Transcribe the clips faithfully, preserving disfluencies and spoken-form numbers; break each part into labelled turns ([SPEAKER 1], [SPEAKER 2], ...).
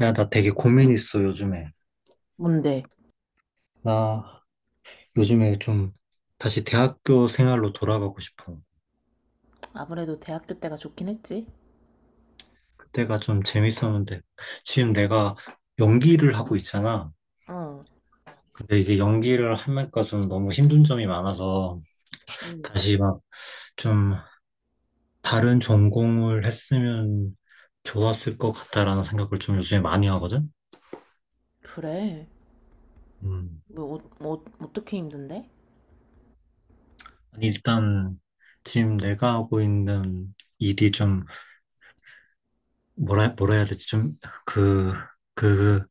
[SPEAKER 1] 야, 나 되게 고민 있어, 요즘에.
[SPEAKER 2] 뭔데?
[SPEAKER 1] 나 요즘에 좀 다시 대학교 생활로 돌아가고 싶어.
[SPEAKER 2] 아무래도 대학교 때가 좋긴 했지.
[SPEAKER 1] 그때가 좀 재밌었는데. 지금 내가 연기를 하고 있잖아.
[SPEAKER 2] 어,
[SPEAKER 1] 근데 이게 연기를 하면까 좀 너무 힘든 점이 많아서
[SPEAKER 2] 음.
[SPEAKER 1] 다시 막 좀 다른 전공을 했으면 좋았을 것 같다라는 생각을 좀 요즘에 많이 하거든?
[SPEAKER 2] 그래.
[SPEAKER 1] 음.
[SPEAKER 2] 뭐, 어, 뭐 어떻게 힘든데?
[SPEAKER 1] 아니, 일단 지금 내가 하고 있는 일이 좀 뭐라, 뭐라 해야 되지? 좀 그, 그,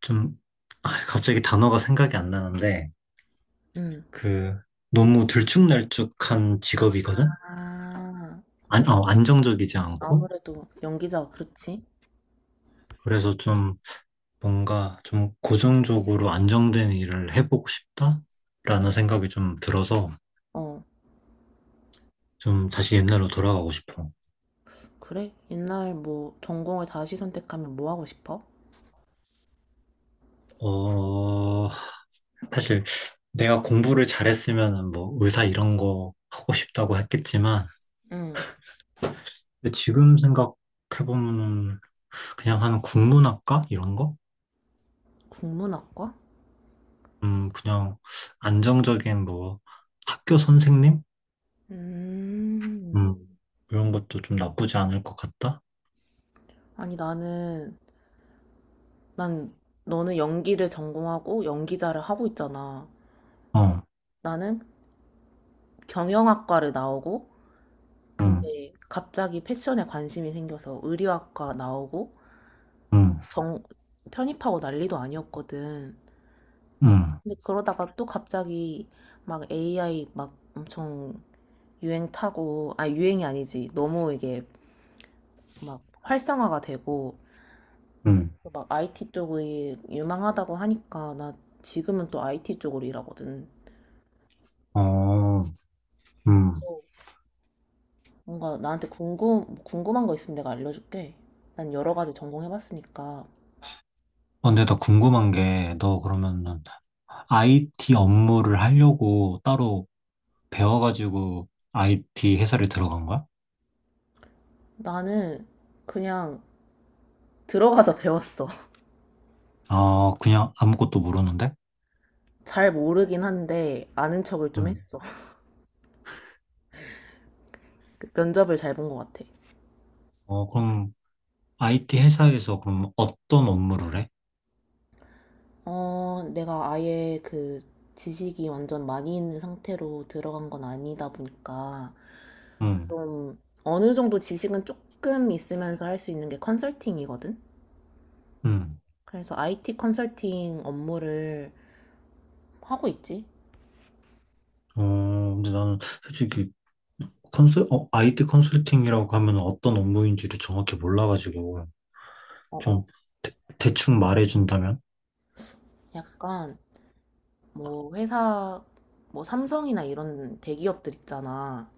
[SPEAKER 1] 좀, 아, 갑자기 단어가 생각이 안 나는데,
[SPEAKER 2] 응.
[SPEAKER 1] 그, 너무 들쭉날쭉한 직업이거든?
[SPEAKER 2] 아,
[SPEAKER 1] 안, 어, 안정적이지 않고.
[SPEAKER 2] 아무래도 연기자, 그렇지?
[SPEAKER 1] 그래서 좀, 뭔가 좀 고정적으로 안정된 일을 해보고 싶다라는 생각이 좀 들어서,
[SPEAKER 2] 어,
[SPEAKER 1] 좀 다시 옛날로 돌아가고 싶어.
[SPEAKER 2] 그래? 옛날 뭐 전공을 다시 선택하면 뭐 하고 싶어?
[SPEAKER 1] 어, 사실 내가 공부를 잘했으면 뭐 의사 이런 거 하고 싶다고 했겠지만,
[SPEAKER 2] 응,
[SPEAKER 1] 근데 지금 생각해보면 그냥 한 국문학과? 이런 거?
[SPEAKER 2] 국문학과?
[SPEAKER 1] 음, 그냥 안정적인 뭐 학교 선생님?
[SPEAKER 2] 음,
[SPEAKER 1] 음, 이런 것도 좀 나쁘지 않을 것 같다.
[SPEAKER 2] 아니 나는, 난 너는 연기를 전공하고 연기자를 하고 있잖아.
[SPEAKER 1] 어,
[SPEAKER 2] 나는 경영학과를 나오고
[SPEAKER 1] 음,
[SPEAKER 2] 근데 갑자기 패션에 관심이 생겨서 의류학과 나오고
[SPEAKER 1] 음,
[SPEAKER 2] 정 편입하고 난리도 아니었거든.
[SPEAKER 1] 음,
[SPEAKER 2] 근데 그러다가 또 갑자기 막 에이아이 막 엄청 유행 타고 아 유행이 아니지. 너무 이게 막 활성화가 되고
[SPEAKER 1] 음,
[SPEAKER 2] 막 아이티 쪽이 유망하다고 하니까 나 지금은 또 아이티 쪽으로 일하거든.
[SPEAKER 1] 어, 음.
[SPEAKER 2] 그래서 뭔가 나한테 궁금 궁금한 거 있으면 내가 알려줄게. 난 여러 가지 전공해봤으니까
[SPEAKER 1] 어, 근데 나 궁금한 게, 너 그러면은 아이티 업무를 하려고 따로 배워가지고 아이티 회사를 들어간 거야?
[SPEAKER 2] 나는 그냥 들어가서 배웠어.
[SPEAKER 1] 아, 그냥 아무것도 모르는데?
[SPEAKER 2] 잘 모르긴 한데 아는 척을 좀
[SPEAKER 1] 음.
[SPEAKER 2] 했어. 면접을 잘 본 것 같아.
[SPEAKER 1] 어, 그럼 아이티 회사에서 그럼 어떤 업무를 해?
[SPEAKER 2] 어, 내가 아예 그 지식이 완전 많이 있는 상태로 들어간 건 아니다 보니까
[SPEAKER 1] 음,
[SPEAKER 2] 좀 어느 정도 지식은 조금 있으면서 할 수 있는 게 컨설팅이거든.
[SPEAKER 1] 음.
[SPEAKER 2] 그래서 아이티 컨설팅 업무를 하고 있지.
[SPEAKER 1] 어, 근데 나는 솔직히 컨설, 어, 아이티 컨설팅이라고 하면 어떤 업무인지를 정확히 몰라가지고,
[SPEAKER 2] 어,
[SPEAKER 1] 좀,
[SPEAKER 2] 어.
[SPEAKER 1] 대, 대충 말해준다면?
[SPEAKER 2] 약간 뭐 회사 뭐 삼성이나 이런 대기업들 있잖아.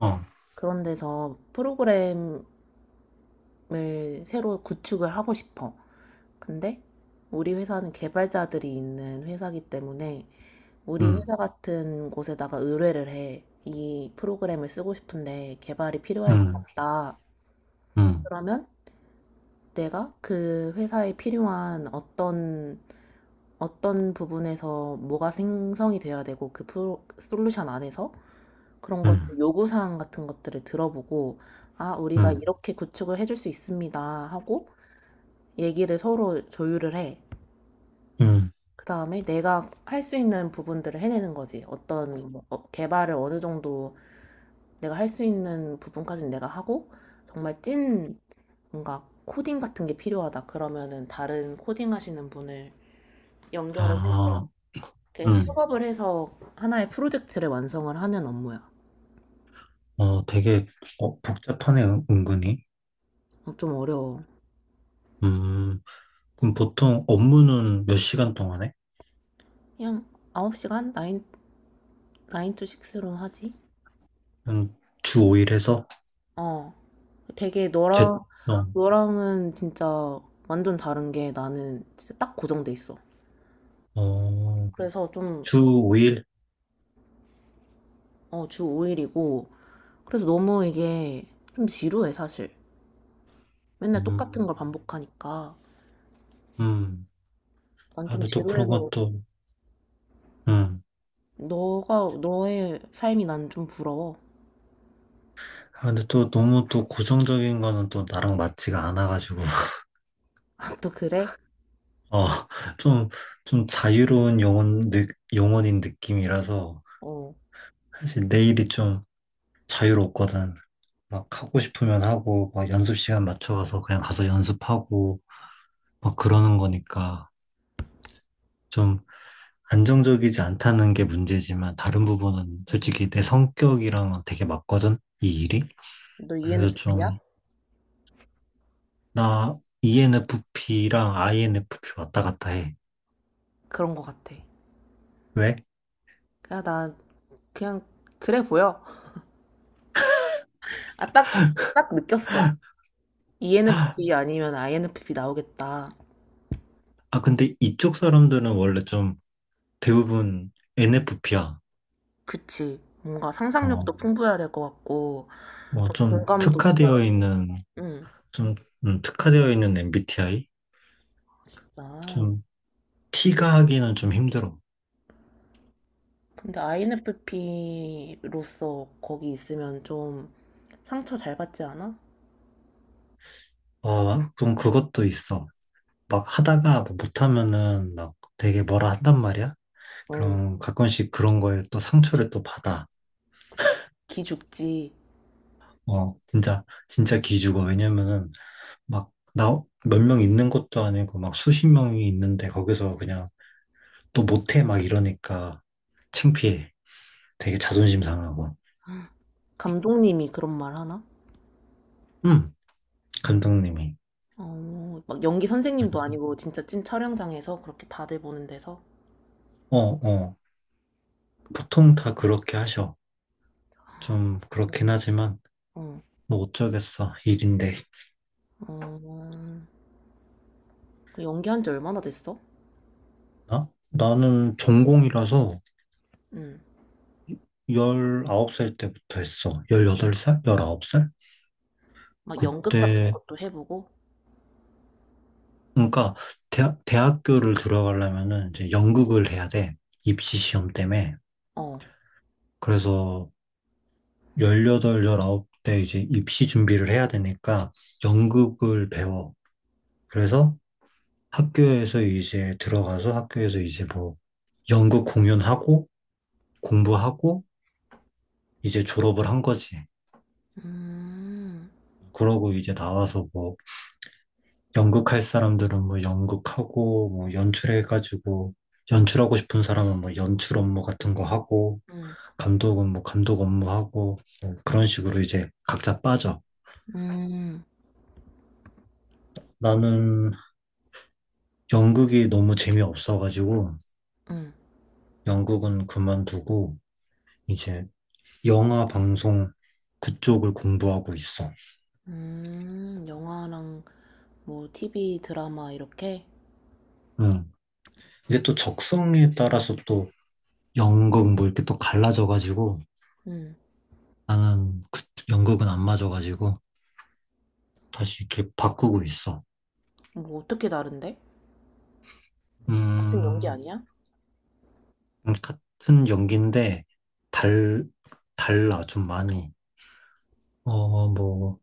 [SPEAKER 1] 어,
[SPEAKER 2] 그런 데서 프로그램 을 새로 구축을 하고 싶어. 근데 우리 회사는 개발자들이 있는 회사이기 때문에 우리
[SPEAKER 1] 음,
[SPEAKER 2] 회사 같은 곳에다가 의뢰를 해. 이 프로그램을 쓰고 싶은데 개발이 필요할 것
[SPEAKER 1] 음,
[SPEAKER 2] 같다.
[SPEAKER 1] 음,
[SPEAKER 2] 그러면 내가 그 회사에 필요한 어떤 어떤 부분에서 뭐가 생성이 되어야 되고 그 프로, 솔루션 안에서 그런
[SPEAKER 1] 음,
[SPEAKER 2] 것들 요구사항 같은 것들을 들어보고 아, 우리가
[SPEAKER 1] 음,
[SPEAKER 2] 이렇게 구축을 해줄 수 있습니다 하고 얘기를 서로 조율을 해.
[SPEAKER 1] 음,
[SPEAKER 2] 그 다음에 내가 할 수 있는 부분들을 해내는 거지. 어떤 뭐, 어, 개발을 어느 정도 내가 할 수 있는 부분까지는 내가 하고, 정말 찐 뭔가 코딩 같은 게 필요하다. 그러면은 다른 코딩 하시는 분을 연결을
[SPEAKER 1] 아,
[SPEAKER 2] 해서, 이렇게
[SPEAKER 1] 음,
[SPEAKER 2] 협업을 해서 하나의 프로젝트를 완성을 하는 업무야.
[SPEAKER 1] 어, 되게, 어, 복잡하네, 은- 은근히.
[SPEAKER 2] 어, 좀 어려워.
[SPEAKER 1] 음, 그럼 보통 업무는 몇 시간 동안 해?
[SPEAKER 2] 그냥 아홉 시간? 나인 나인 to 스로 하지?
[SPEAKER 1] 음, 주 오 일 해서?
[SPEAKER 2] 어. 되게
[SPEAKER 1] 제,
[SPEAKER 2] 너랑,
[SPEAKER 1] 어,
[SPEAKER 2] 너랑은 진짜 완전 다른 게 나는 진짜 딱 고정돼 있어.
[SPEAKER 1] 어,
[SPEAKER 2] 그래서 좀,
[SPEAKER 1] 주 오 일?
[SPEAKER 2] 어, 주 오 일이고. 그래서 너무 이게 좀 지루해, 사실. 맨날 똑같은
[SPEAKER 1] 음,
[SPEAKER 2] 걸 반복하니까.
[SPEAKER 1] 음,
[SPEAKER 2] 난
[SPEAKER 1] 아,
[SPEAKER 2] 좀
[SPEAKER 1] 근데 또 그런
[SPEAKER 2] 지루해서
[SPEAKER 1] 것도, 음.
[SPEAKER 2] 너가, 너의 삶이 난 좀 부러워.
[SPEAKER 1] 아, 근데 또 너무 또 고정적인 거는 또 나랑 맞지가 않아가지고,
[SPEAKER 2] 아, 또 그래?
[SPEAKER 1] 어, 좀, 좀 자유로운 영혼, 느, 영혼인 느낌이라서,
[SPEAKER 2] 어.
[SPEAKER 1] 사실 내일이 좀 자유롭거든. 막 하고 싶으면 하고, 막 연습 시간 맞춰가서 그냥 가서 연습하고, 막 그러는 거니까, 좀 안정적이지 않다는 게 문제지만, 다른 부분은
[SPEAKER 2] 응.
[SPEAKER 1] 솔직히 내 성격이랑은 되게 맞거든, 이 일이.
[SPEAKER 2] 응. 너
[SPEAKER 1] 그래서
[SPEAKER 2] 이엔에프피야?
[SPEAKER 1] 좀, 나 이엔에프피랑 아이엔에프피 왔다 갔다 해.
[SPEAKER 2] 그런 거 같아.
[SPEAKER 1] 왜?
[SPEAKER 2] 그냥 나 그냥 그래 보여. 아, 딱, 딱 느꼈어. 이엔에프피 아니면 아이엔에프피 나오겠다.
[SPEAKER 1] 아, 근데 이쪽 사람들은 원래 좀 대부분 엔에프피야.
[SPEAKER 2] 그치. 뭔가 상상력도 음.
[SPEAKER 1] 어,
[SPEAKER 2] 풍부해야 될 것 같고,
[SPEAKER 1] 뭐
[SPEAKER 2] 좀 음.
[SPEAKER 1] 좀
[SPEAKER 2] 공감도 있어야 될
[SPEAKER 1] 특화되어
[SPEAKER 2] 것 같고.
[SPEAKER 1] 있는,
[SPEAKER 2] 응,
[SPEAKER 1] 좀, 음, 특화되어 있는 엠비티아이?
[SPEAKER 2] 진짜.
[SPEAKER 1] 좀 T가 하기는 좀 힘들어.
[SPEAKER 2] 근데 아이엔에프피로서 거기 있으면 좀 상처 잘 받지 않아?
[SPEAKER 1] 어, 좀 그것도 있어. 막 하다가 뭐 못하면은 막 되게 뭐라 한단 말이야?
[SPEAKER 2] 어,
[SPEAKER 1] 그럼 가끔씩 그런 거에 또 상처를 또 받아.
[SPEAKER 2] 기죽지.
[SPEAKER 1] 어, 진짜, 진짜 기죽어. 왜냐면은 막 나 몇 명 있는 것도 아니고 막 수십 명이 있는데 거기서 그냥 또 못해 막 이러니까 창피해. 되게 자존심 상하고.
[SPEAKER 2] 감독님이 그런 말 하나?
[SPEAKER 1] 음, 감독님이.
[SPEAKER 2] 어, 막 연기 선생님도 아니고 진짜 찐 촬영장에서 그렇게 다들 보는 데서.
[SPEAKER 1] 어, 어. 보통 다 그렇게 하셔. 좀 그렇긴 하지만
[SPEAKER 2] 응,
[SPEAKER 1] 뭐 어쩌겠어. 일인데.
[SPEAKER 2] 어, 그 연기한 지 얼마나 됐어?
[SPEAKER 1] 나? 나는 전공이라서
[SPEAKER 2] 응,
[SPEAKER 1] 열아홉 살 때부터 했어. 열여덟 살? 열아홉 살?
[SPEAKER 2] 막 연극 같은
[SPEAKER 1] 그때
[SPEAKER 2] 것도 해보고.
[SPEAKER 1] 그러니까 대학, 대학교를 들어가려면은 이제 연극을 해야 돼. 입시 시험 때문에.
[SPEAKER 2] 어,
[SPEAKER 1] 그래서 열여덟, 열 아홉 때 이제 입시 준비를 해야 되니까 연극을 배워. 그래서 학교에서 이제 들어가서 학교에서 이제 뭐 연극 공연하고 공부하고 이제 졸업을 한 거지.
[SPEAKER 2] 음,
[SPEAKER 1] 그러고 이제 나와서 뭐 연극할 사람들은 뭐 연극하고 뭐 연출해가지고 연출하고 싶은 사람은 뭐 연출 업무 같은 거 하고
[SPEAKER 2] 음,
[SPEAKER 1] 감독은 뭐 감독 업무하고 뭐 그런 식으로 이제 각자 빠져.
[SPEAKER 2] 음.
[SPEAKER 1] 나는 연극이 너무 재미없어가지고
[SPEAKER 2] 응.
[SPEAKER 1] 연극은 그만두고 이제 영화 방송 그쪽을 공부하고 있어.
[SPEAKER 2] 음, 영화랑 뭐 티비 드라마 이렇게?
[SPEAKER 1] 응. 이게 또 적성에 따라서 또 연극 뭐 이렇게 또 갈라져가지고
[SPEAKER 2] 응.
[SPEAKER 1] 나는 그 연극은 안 맞아가지고 다시 이렇게 바꾸고 있어.
[SPEAKER 2] 뭐 어떻게 다른데? 같은 연기
[SPEAKER 1] 음,
[SPEAKER 2] 아니야?
[SPEAKER 1] 같은 연기인데 달, 달라 좀 많이. 어, 뭐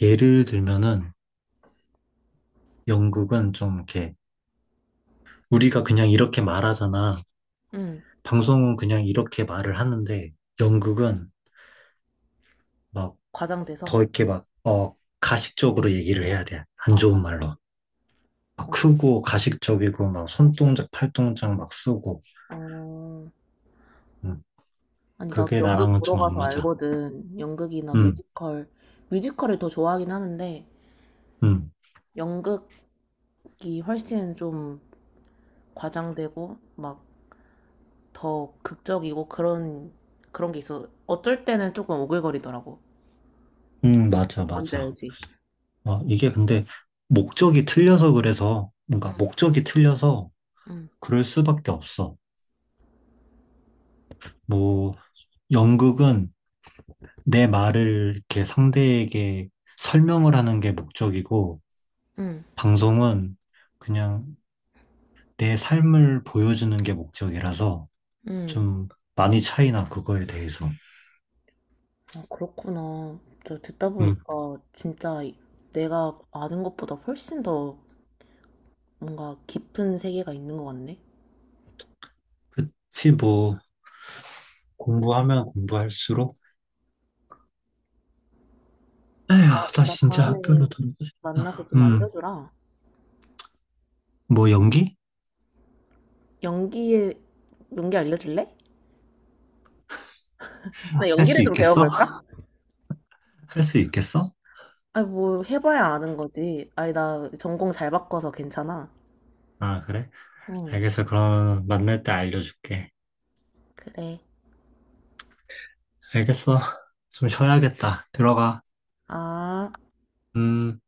[SPEAKER 1] 예를 들면은 연극은 좀 이렇게 우리가 그냥 이렇게 말하잖아.
[SPEAKER 2] 응.
[SPEAKER 1] 방송은 그냥 이렇게 말을 하는데 연극은 막
[SPEAKER 2] 과장돼서?
[SPEAKER 1] 더 이렇게 막, 어, 가식적으로 얘기를 해야 돼.
[SPEAKER 2] 아,
[SPEAKER 1] 안
[SPEAKER 2] 어,
[SPEAKER 1] 좋은 말로. 막
[SPEAKER 2] 어.
[SPEAKER 1] 크고 가식적이고 막
[SPEAKER 2] 어.
[SPEAKER 1] 손동작, 팔동작 막 쓰고.
[SPEAKER 2] 어,
[SPEAKER 1] 음,
[SPEAKER 2] 아니, 나도
[SPEAKER 1] 그게
[SPEAKER 2] 연극
[SPEAKER 1] 나랑은
[SPEAKER 2] 보러
[SPEAKER 1] 좀 안
[SPEAKER 2] 가서
[SPEAKER 1] 맞아.
[SPEAKER 2] 알거든. 연극이나
[SPEAKER 1] 음,
[SPEAKER 2] 뮤지컬. 뮤지컬을 더 좋아하긴 하는데,
[SPEAKER 1] 음,
[SPEAKER 2] 연극이 훨씬 좀 과장되고, 막 더 극적이고 그런, 그런 게 있어. 어쩔 때는 조금 오글거리더라고.
[SPEAKER 1] 음, 맞아,
[SPEAKER 2] 뭔지
[SPEAKER 1] 맞아.
[SPEAKER 2] 알지?
[SPEAKER 1] 어, 이게 근데 목적이 틀려서 그래서, 뭔가 목적이 틀려서
[SPEAKER 2] 응,
[SPEAKER 1] 그럴 수밖에 없어. 뭐, 연극은 내 말을 이렇게 상대에게 설명을 하는 게 목적이고,
[SPEAKER 2] 응,
[SPEAKER 1] 방송은 그냥 내 삶을 보여주는 게 목적이라서
[SPEAKER 2] 응.
[SPEAKER 1] 좀 많이 차이나 그거에 대해서.
[SPEAKER 2] 아, 그렇구나. 저 듣다
[SPEAKER 1] 음,
[SPEAKER 2] 보니까 진짜 내가 아는 것보다 훨씬 더 뭔가 깊은 세계가 있는 것 같네.
[SPEAKER 1] 그치, 뭐, 공부하면 공부할수록,
[SPEAKER 2] 아,
[SPEAKER 1] 에휴, 나
[SPEAKER 2] 나
[SPEAKER 1] 진짜
[SPEAKER 2] 다음에
[SPEAKER 1] 학교로 돌아가고
[SPEAKER 2] 만나서
[SPEAKER 1] 싶다.
[SPEAKER 2] 좀
[SPEAKER 1] 음,
[SPEAKER 2] 알려주라.
[SPEAKER 1] 뭐, 연기?
[SPEAKER 2] 연기에, 연기 알려줄래? 나
[SPEAKER 1] 할 수
[SPEAKER 2] 연기를 좀
[SPEAKER 1] 있겠어?
[SPEAKER 2] 배워볼까?
[SPEAKER 1] 할 수 있겠어?
[SPEAKER 2] 아니, 뭐 해봐야 아는 거지. 아니, 나 전공 잘 바꿔서 괜찮아.
[SPEAKER 1] 아, 그래?
[SPEAKER 2] 응,
[SPEAKER 1] 알겠어. 그럼 만날 때 알려줄게.
[SPEAKER 2] 그래.
[SPEAKER 1] 알겠어. 좀 쉬어야겠다. 들어가.
[SPEAKER 2] 아.
[SPEAKER 1] 음.